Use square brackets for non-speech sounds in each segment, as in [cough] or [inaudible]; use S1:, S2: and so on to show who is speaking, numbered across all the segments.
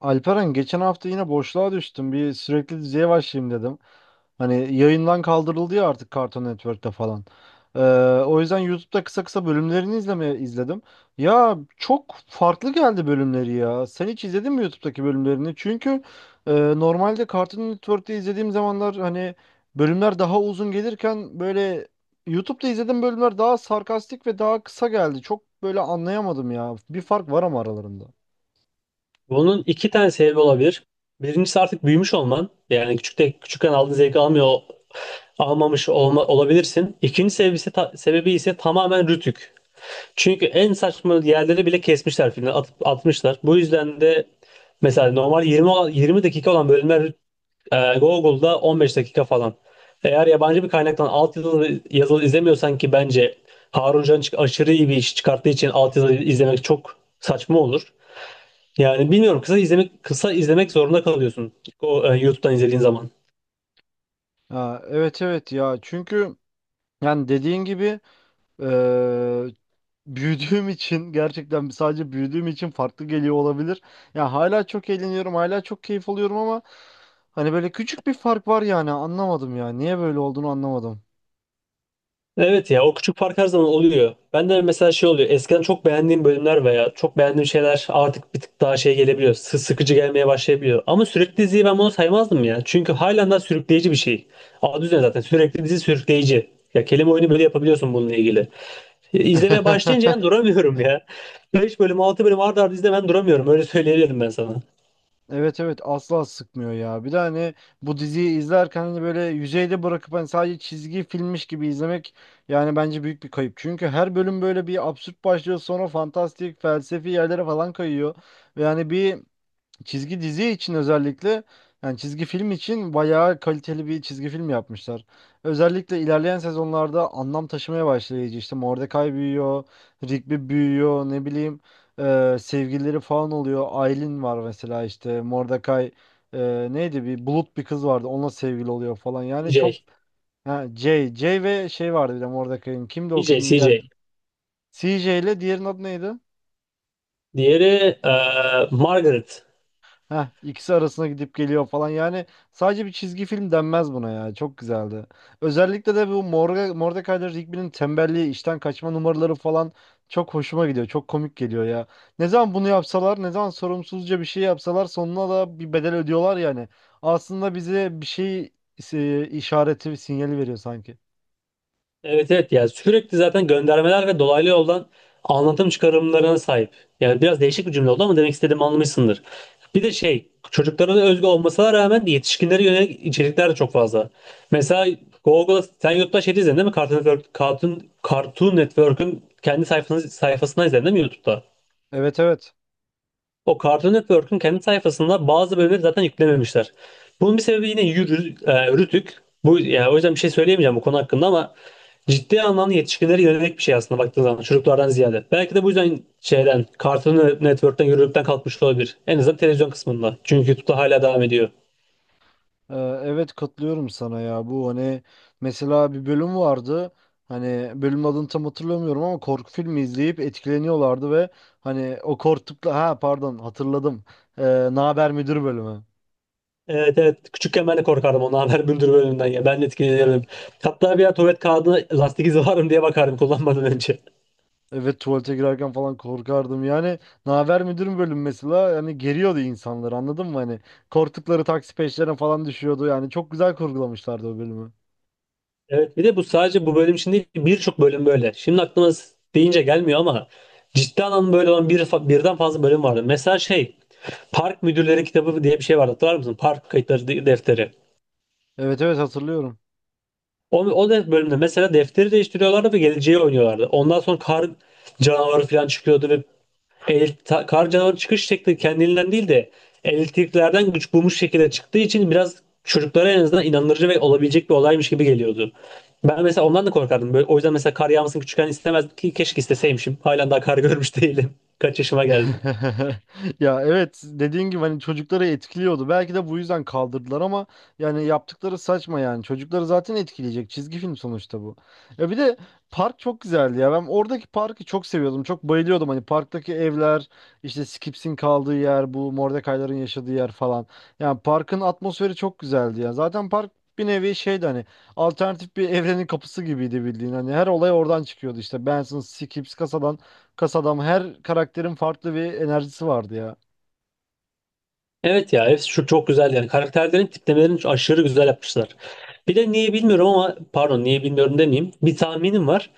S1: Alperen, geçen hafta yine boşluğa düştüm. Bir Sürekli Dizi'ye başlayayım dedim. Hani yayından kaldırıldı ya artık Cartoon Network'te falan. Ee, O yüzden YouTube'da kısa kısa bölümlerini izlemeye izledim. Ya çok farklı geldi bölümleri ya. Sen hiç izledin mi YouTube'daki bölümlerini? Çünkü e, normalde Cartoon Network'te izlediğim zamanlar hani bölümler daha uzun gelirken böyle YouTube'da izlediğim bölümler daha sarkastik ve daha kısa geldi. Çok böyle anlayamadım ya. Bir fark var ama aralarında.
S2: Bunun iki tane sebebi olabilir. Birincisi artık büyümüş olman. Yani küçükken aldığın zevki almamış olma, olabilirsin. İkinci sebebi ise, tamamen rütük. Çünkü en saçma yerleri bile kesmişler filmden atıp atmışlar. Bu yüzden de mesela normal 20 dakika olan bölümler Google'da 15 dakika falan. Eğer yabancı bir kaynaktan altyazılı yazılı izlemiyorsan ki bence Harun Can aşırı iyi bir iş çıkarttığı için altyazılı izlemek çok saçma olur. Yani bilmiyorum kısa izlemek zorunda kalıyorsun o YouTube'dan izlediğin zaman.
S1: Ha, evet evet, ya çünkü yani dediğin gibi eee, [laughs] büyüdüğüm için, gerçekten sadece büyüdüğüm için farklı geliyor olabilir. Ya hala çok eğleniyorum, hala çok keyif alıyorum ama hani böyle küçük bir fark var. Yani anlamadım ya, niye böyle olduğunu anlamadım.
S2: Evet, ya o küçük fark her zaman oluyor. Ben de mesela şey oluyor. Eskiden çok beğendiğim bölümler veya çok beğendiğim şeyler artık bir tık daha şey gelebiliyor. Sıkıcı gelmeye başlayabiliyor. Ama sürekli diziyi ben bunu saymazdım ya. Çünkü halen daha sürükleyici bir şey. Adı üzerine zaten sürekli dizi sürükleyici. Ya, kelime oyunu böyle yapabiliyorsun bununla ilgili. İzlemeye başlayınca
S1: [laughs]
S2: yani duramıyorum ya. 5 bölüm 6 bölüm art arda izle, ben duramıyorum. Öyle söyleyebilirim ben sana.
S1: Evet evet, asla sıkmıyor ya. Bir de hani bu diziyi izlerken hani böyle yüzeyde bırakıp hani sadece çizgi filmmiş gibi izlemek yani bence büyük bir kayıp. Çünkü her bölüm böyle bir absürt başlıyor, sonra fantastik felsefi yerlere falan kayıyor. Ve yani bir çizgi dizi için, özellikle yani çizgi film için bayağı kaliteli bir çizgi film yapmışlar. Özellikle ilerleyen sezonlarda anlam taşımaya başlayıcı, işte Mordecai büyüyor, Rigby büyüyor, ne bileyim sevgilileri falan oluyor. Aylin var mesela, işte Mordecai neydi, bir bulut bir kız vardı, onunla sevgili oluyor falan. Yani çok,
S2: DJ.
S1: ha, Jay, Jay ve şey vardı bir de Mordecai'nin, kimdi o
S2: DJ,
S1: kızın, diğer
S2: CJ.
S1: C J ile diğerinin adı neydi?
S2: Diğeri Margaret.
S1: Heh, ikisi arasına gidip geliyor falan. Yani sadece bir çizgi film denmez buna ya. Çok güzeldi. Özellikle de bu Morga, Mordecai ile Rigby'nin tembelliği, işten kaçma numaraları falan çok hoşuma gidiyor. Çok komik geliyor ya. Ne zaman bunu yapsalar, ne zaman sorumsuzca bir şey yapsalar sonuna da bir bedel ödüyorlar yani. Aslında bize bir şey işareti, bir sinyali veriyor sanki.
S2: Evet, evet, yani sürekli zaten göndermeler ve dolaylı yoldan anlatım çıkarımlarına sahip. Yani biraz değişik bir cümle oldu ama demek istediğimi anlamışsındır. Bir de şey, çocuklara da özgü olmasına rağmen yetişkinlere yönelik içerikler de çok fazla. Mesela Google'da, sen YouTube'da şey izledin değil mi? Cartoon Network'ün kendi sayfasından izledin değil mi YouTube'da?
S1: Evet evet.
S2: O Cartoon Network'ün kendi sayfasında bazı bölümleri zaten yüklememişler. Bunun bir sebebi yine Rütük. Bu, yani o yüzden bir şey söyleyemeyeceğim bu konu hakkında ama ciddi anlamda yetişkinlere yönelik bir şey aslında baktığın zaman çocuklardan ziyade. Belki de bu yüzden şeyden, Cartoon Network'ten yürürlükten kalkmış olabilir. En azından televizyon kısmında. Çünkü YouTube'da hala devam ediyor.
S1: Ee, Evet, katılıyorum sana ya. Bu hani, mesela bir bölüm vardı. Hani bölüm adını tam hatırlamıyorum ama korku filmi izleyip etkileniyorlardı ve hani o korktukla, ha pardon hatırladım. Ee, Naber Müdür bölümü.
S2: Evet, evet, küçükken ben de korkardım ona, haber bülbül bölümünden ya. Ben de
S1: Ee,
S2: etkilenirdim. Hatta bir ara tuvalet kağıdına lastik izi var mı diye bakardım kullanmadan önce.
S1: Evet, tuvalete girerken falan korkardım. Yani Naber Müdür bölümü mesela, hani geriyordu insanları, anladın mı? Hani korktukları taksi peşlerine falan düşüyordu. Yani çok güzel kurgulamışlardı o bölümü.
S2: Evet, bir de bu sadece bu bölüm için değil, birçok bölüm böyle. Şimdi aklıma deyince gelmiyor ama ciddi anlamda böyle olan birden fazla bölüm vardı. Mesela şey, Park Müdürleri Kitabı diye bir şey vardı, hatırlar mısın? Park Kayıtları Defteri.
S1: Evet evet, hatırlıyorum.
S2: Bölümde mesela defteri değiştiriyorlardı ve geleceği oynuyorlardı. Ondan sonra kar canavarı falan çıkıyordu ve Karca'nın çıkış şekli kendiliğinden değil de elektriklerden güç bulmuş şekilde çıktığı için biraz çocuklara en azından inandırıcı ve olabilecek bir olaymış gibi geliyordu. Ben mesela ondan da korkardım. Böyle, o yüzden mesela kar yağmasını küçükken istemezdim, ki keşke isteseymişim. Halen daha kar görmüş değilim. [laughs] Kaç yaşıma geldim.
S1: [laughs] Ya evet, dediğin gibi hani çocukları etkiliyordu. Belki de bu yüzden kaldırdılar ama yani yaptıkları saçma yani. Çocukları zaten etkileyecek. Çizgi film sonuçta bu. Ya bir de park çok güzeldi ya. Ben oradaki parkı çok seviyordum. Çok bayılıyordum. Hani parktaki evler, işte Skips'in kaldığı yer, bu Mordecai'ların yaşadığı yer falan. Yani parkın atmosferi çok güzeldi ya. Zaten park bir nevi şeydi, hani alternatif bir evrenin kapısı gibiydi bildiğin. Hani her olay oradan çıkıyordu işte. Benson, Skips, kasadan Kasadam, her karakterin farklı bir enerjisi vardı ya.
S2: Evet, ya hepsi şu çok güzel yani. Karakterlerin tiplemelerini aşırı güzel yapmışlar. Bir de niye bilmiyorum ama pardon, niye bilmiyorum demeyeyim. Bir tahminim var.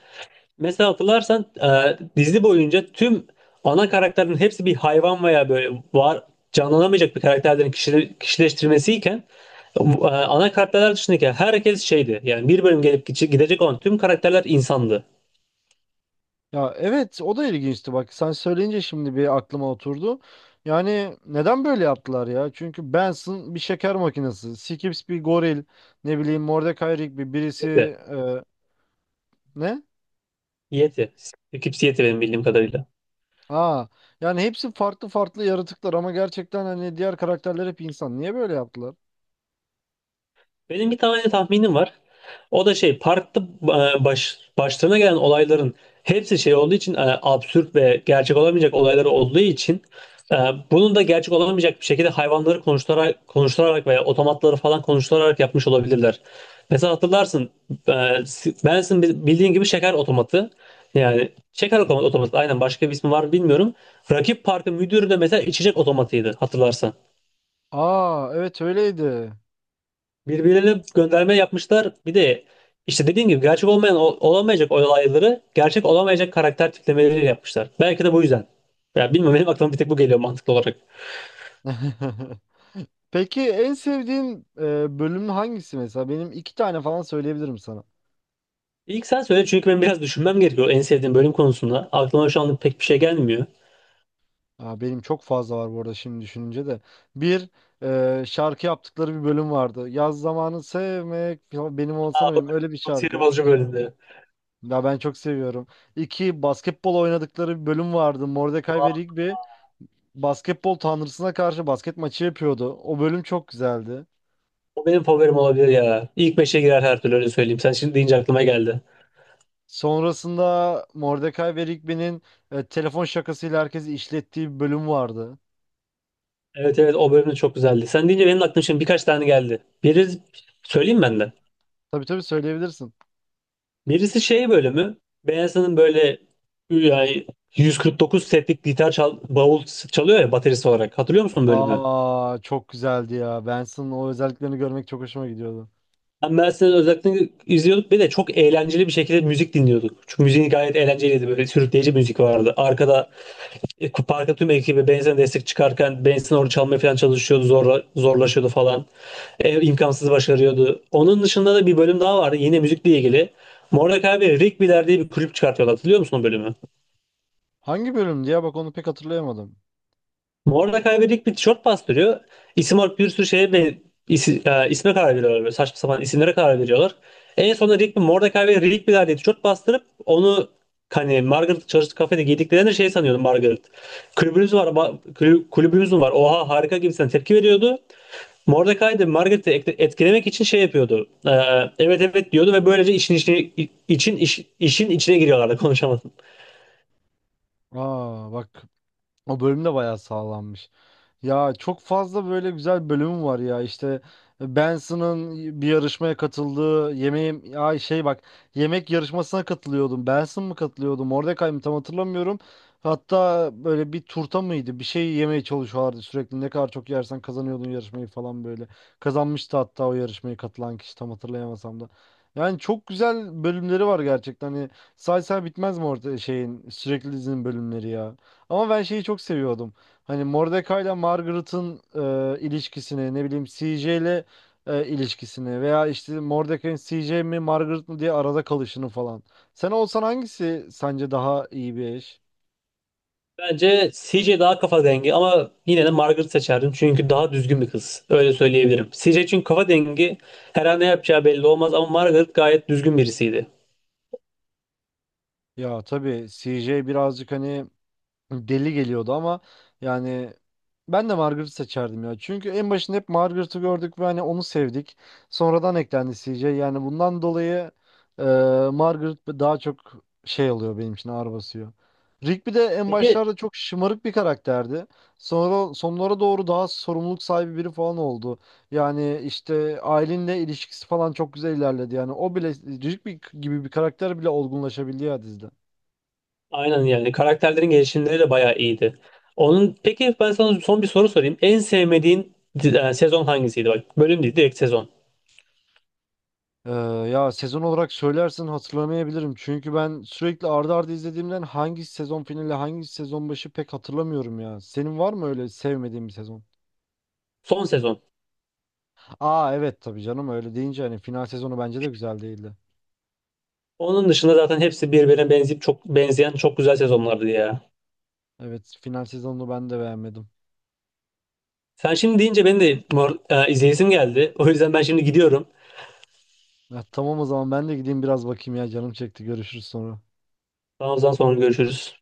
S2: Mesela hatırlarsan dizi boyunca tüm ana karakterlerin hepsi bir hayvan veya böyle var, canlanamayacak bir karakterlerin kişileştirmesiyken ana karakterler dışındaki herkes şeydi. Yani bir bölüm gelip gidecek olan tüm karakterler insandı.
S1: Ya evet, o da ilginçti bak, sen söyleyince şimdi bir aklıma oturdu. Yani neden böyle yaptılar ya? Çünkü Benson bir şeker makinesi. Skips bir goril. Ne bileyim Mordecai, Rigby bir birisi,
S2: Yeti.
S1: e, ne?
S2: Yeti. Skipsi Yeti benim bildiğim kadarıyla.
S1: Aa, yani hepsi farklı farklı yaratıklar ama gerçekten hani diğer karakterler hep insan. Niye böyle yaptılar?
S2: Benim bir tane tahminim var. O da şey, parkta başlarına gelen olayların hepsi şey olduğu için, absürt ve gerçek olamayacak olayları olduğu için, e, bunun da gerçek olamayacak bir şekilde hayvanları konuşturarak veya otomatları falan konuşturarak yapmış olabilirler. Mesela hatırlarsın, Benson bildiğin gibi şeker otomatı. Yani şeker otomatı aynen, başka bir ismi var mı bilmiyorum. Rakip parkın müdürü de mesela içecek otomatıydı, hatırlarsan.
S1: Aa evet, öyleydi.
S2: Birbirine gönderme yapmışlar. Bir de işte dediğim gibi gerçek olmayan, olamayacak olayları gerçek olamayacak karakter tiplemeleri yapmışlar. Belki de bu yüzden. Ya bilmiyorum, benim aklıma bir tek bu geliyor mantıklı olarak.
S1: [laughs] Peki, en sevdiğin bölüm hangisi mesela? Benim iki tane falan söyleyebilirim sana.
S2: İlk sen söyle, çünkü ben biraz düşünmem gerekiyor en sevdiğim bölüm konusunda. Aklıma şu anda pek bir şey gelmiyor.
S1: Aa, benim çok fazla var bu arada şimdi düşününce de. Bir, şarkı yaptıkları bir bölüm vardı. Yaz zamanı sevmek ya benim olsana benim, öyle bir
S2: Çok sinir
S1: şarkı.
S2: bozucu bölümdü.
S1: Ya ben çok seviyorum. İki, basketbol oynadıkları bir bölüm vardı. Mordecai ve
S2: Aa,
S1: Rigby basketbol tanrısına karşı basket maçı yapıyordu. O bölüm çok güzeldi.
S2: o benim favorim olabilir ya. İlk beşe girer her türlü, öyle söyleyeyim. Sen şimdi deyince aklıma geldi.
S1: Sonrasında Mordecai ve Rigby'nin telefon şakasıyla herkesi işlettiği bir bölüm vardı.
S2: Evet, evet, o bölüm de çok güzeldi. Sen deyince benim de aklıma şimdi birkaç tane geldi. Biri söyleyeyim ben de.
S1: Tabii tabii, söyleyebilirsin.
S2: Birisi şey bölümü. Beyazı'nın böyle yani 149 setlik gitar bavul çalıyor ya baterist olarak. Hatırlıyor musun bölümü?
S1: Aa, çok güzeldi ya. Benson o özelliklerini görmek çok hoşuma gidiyordu.
S2: Ben Benson'ın özellikle izliyorduk. Bir de çok eğlenceli bir şekilde müzik dinliyorduk. Çünkü müziği gayet eğlenceliydi. Böyle sürükleyici müzik vardı. Arkada parka tüm ekibi Benson'a destek çıkarken Benson orada çalmaya falan çalışıyordu. Zorlaşıyordu falan. E, imkansız başarıyordu. Onun dışında da bir bölüm daha vardı. Yine müzikle ilgili. Mordecai ve Rigby'ler diye bir kulüp çıkartıyorlar. Hatırlıyor musun o bölümü?
S1: Hangi bölümdü ya? Bak, onu pek hatırlayamadım.
S2: Mordecai ve Rigby tişört bastırıyor. İsim olarak bir sürü şeye ve isme karar veriyorlar. Böyle saçma sapan isimlere karar veriyorlar. En sonunda Rigby, Mordecai ve Rigby'ler diye tişört bastırıp onu hani Margaret çalıştığı kafede giydiklerinde şey sanıyordu Margaret. Kulübümüz var, kulübümüz mü var? Oha, harika gibisinden tepki veriyordu. Mordecai de Margaret'i etkilemek için şey yapıyordu. Evet, evet diyordu ve böylece işin içine giriyorlardı. [laughs] Konuşamadım.
S1: Aa bak, o bölümde bayağı sağlanmış. Ya çok fazla böyle güzel bölümü var ya, işte Benson'ın bir yarışmaya katıldığı, yemeğim ay şey bak, yemek yarışmasına katılıyordum, Benson mı katılıyordum Mordecai mi tam hatırlamıyorum, hatta böyle bir turta mıydı bir şey yemeye çalışıyorlardı, sürekli ne kadar çok yersen kazanıyordun yarışmayı falan böyle kazanmıştı. Hatta o yarışmaya katılan kişi tam hatırlayamasam da yani çok güzel bölümleri var gerçekten. Hani say say bitmez mi orada şeyin, Sürekli Dizi'nin bölümleri ya. Ama ben şeyi çok seviyordum. Hani Mordecai'la Margaret'ın ilişkisini, ne bileyim CJ ile ilişkisini veya işte Mordecai'nin CJ mi Margaret mı diye arada kalışını falan. Sen olsan hangisi sence daha iyi bir eş?
S2: Bence CJ daha kafa dengi ama yine de Margaret seçerdim, çünkü daha düzgün bir kız. Öyle söyleyebilirim. CJ için, kafa dengi, her an ne yapacağı belli olmaz ama Margaret gayet düzgün birisiydi.
S1: Ya tabii CJ birazcık hani deli geliyordu ama yani ben de Margaret'ı seçerdim ya. Çünkü en başında hep Margaret'ı gördük ve hani onu sevdik. Sonradan eklendi CJ. Yani bundan dolayı e, Margaret daha çok şey oluyor, benim için ağır basıyor. Rigby de en
S2: Peki.
S1: başlarda çok şımarık bir karakterdi. Sonra sonlara doğru daha sorumluluk sahibi biri falan oldu. Yani işte ailenle ilişkisi falan çok güzel ilerledi. Yani o bile, Rigby gibi bir karakter bile olgunlaşabildi ya dizide.
S2: Aynen, yani karakterlerin gelişimleri de bayağı iyiydi. Peki, ben sana son bir soru sorayım. En sevmediğin sezon hangisiydi? Bak, bölüm değil, direkt sezon.
S1: Ee, Ya sezon olarak söylersen hatırlamayabilirim. Çünkü ben sürekli arda ardı izlediğimden hangi sezon finali, hangi sezon başı pek hatırlamıyorum ya. Senin var mı öyle sevmediğin bir sezon?
S2: Son sezon.
S1: Aa evet, tabii canım, öyle deyince hani final sezonu bence de güzel değildi.
S2: Onun dışında zaten hepsi birbirine benzeyip çok benzeyen çok güzel sezonlardı ya.
S1: Evet, final sezonunu ben de beğenmedim.
S2: Sen şimdi deyince benim de izleyesim geldi. O yüzden ben şimdi gidiyorum.
S1: Ya, tamam o zaman ben de gideyim biraz bakayım, ya canım çekti. Görüşürüz sonra.
S2: Daha o zaman sonra görüşürüz.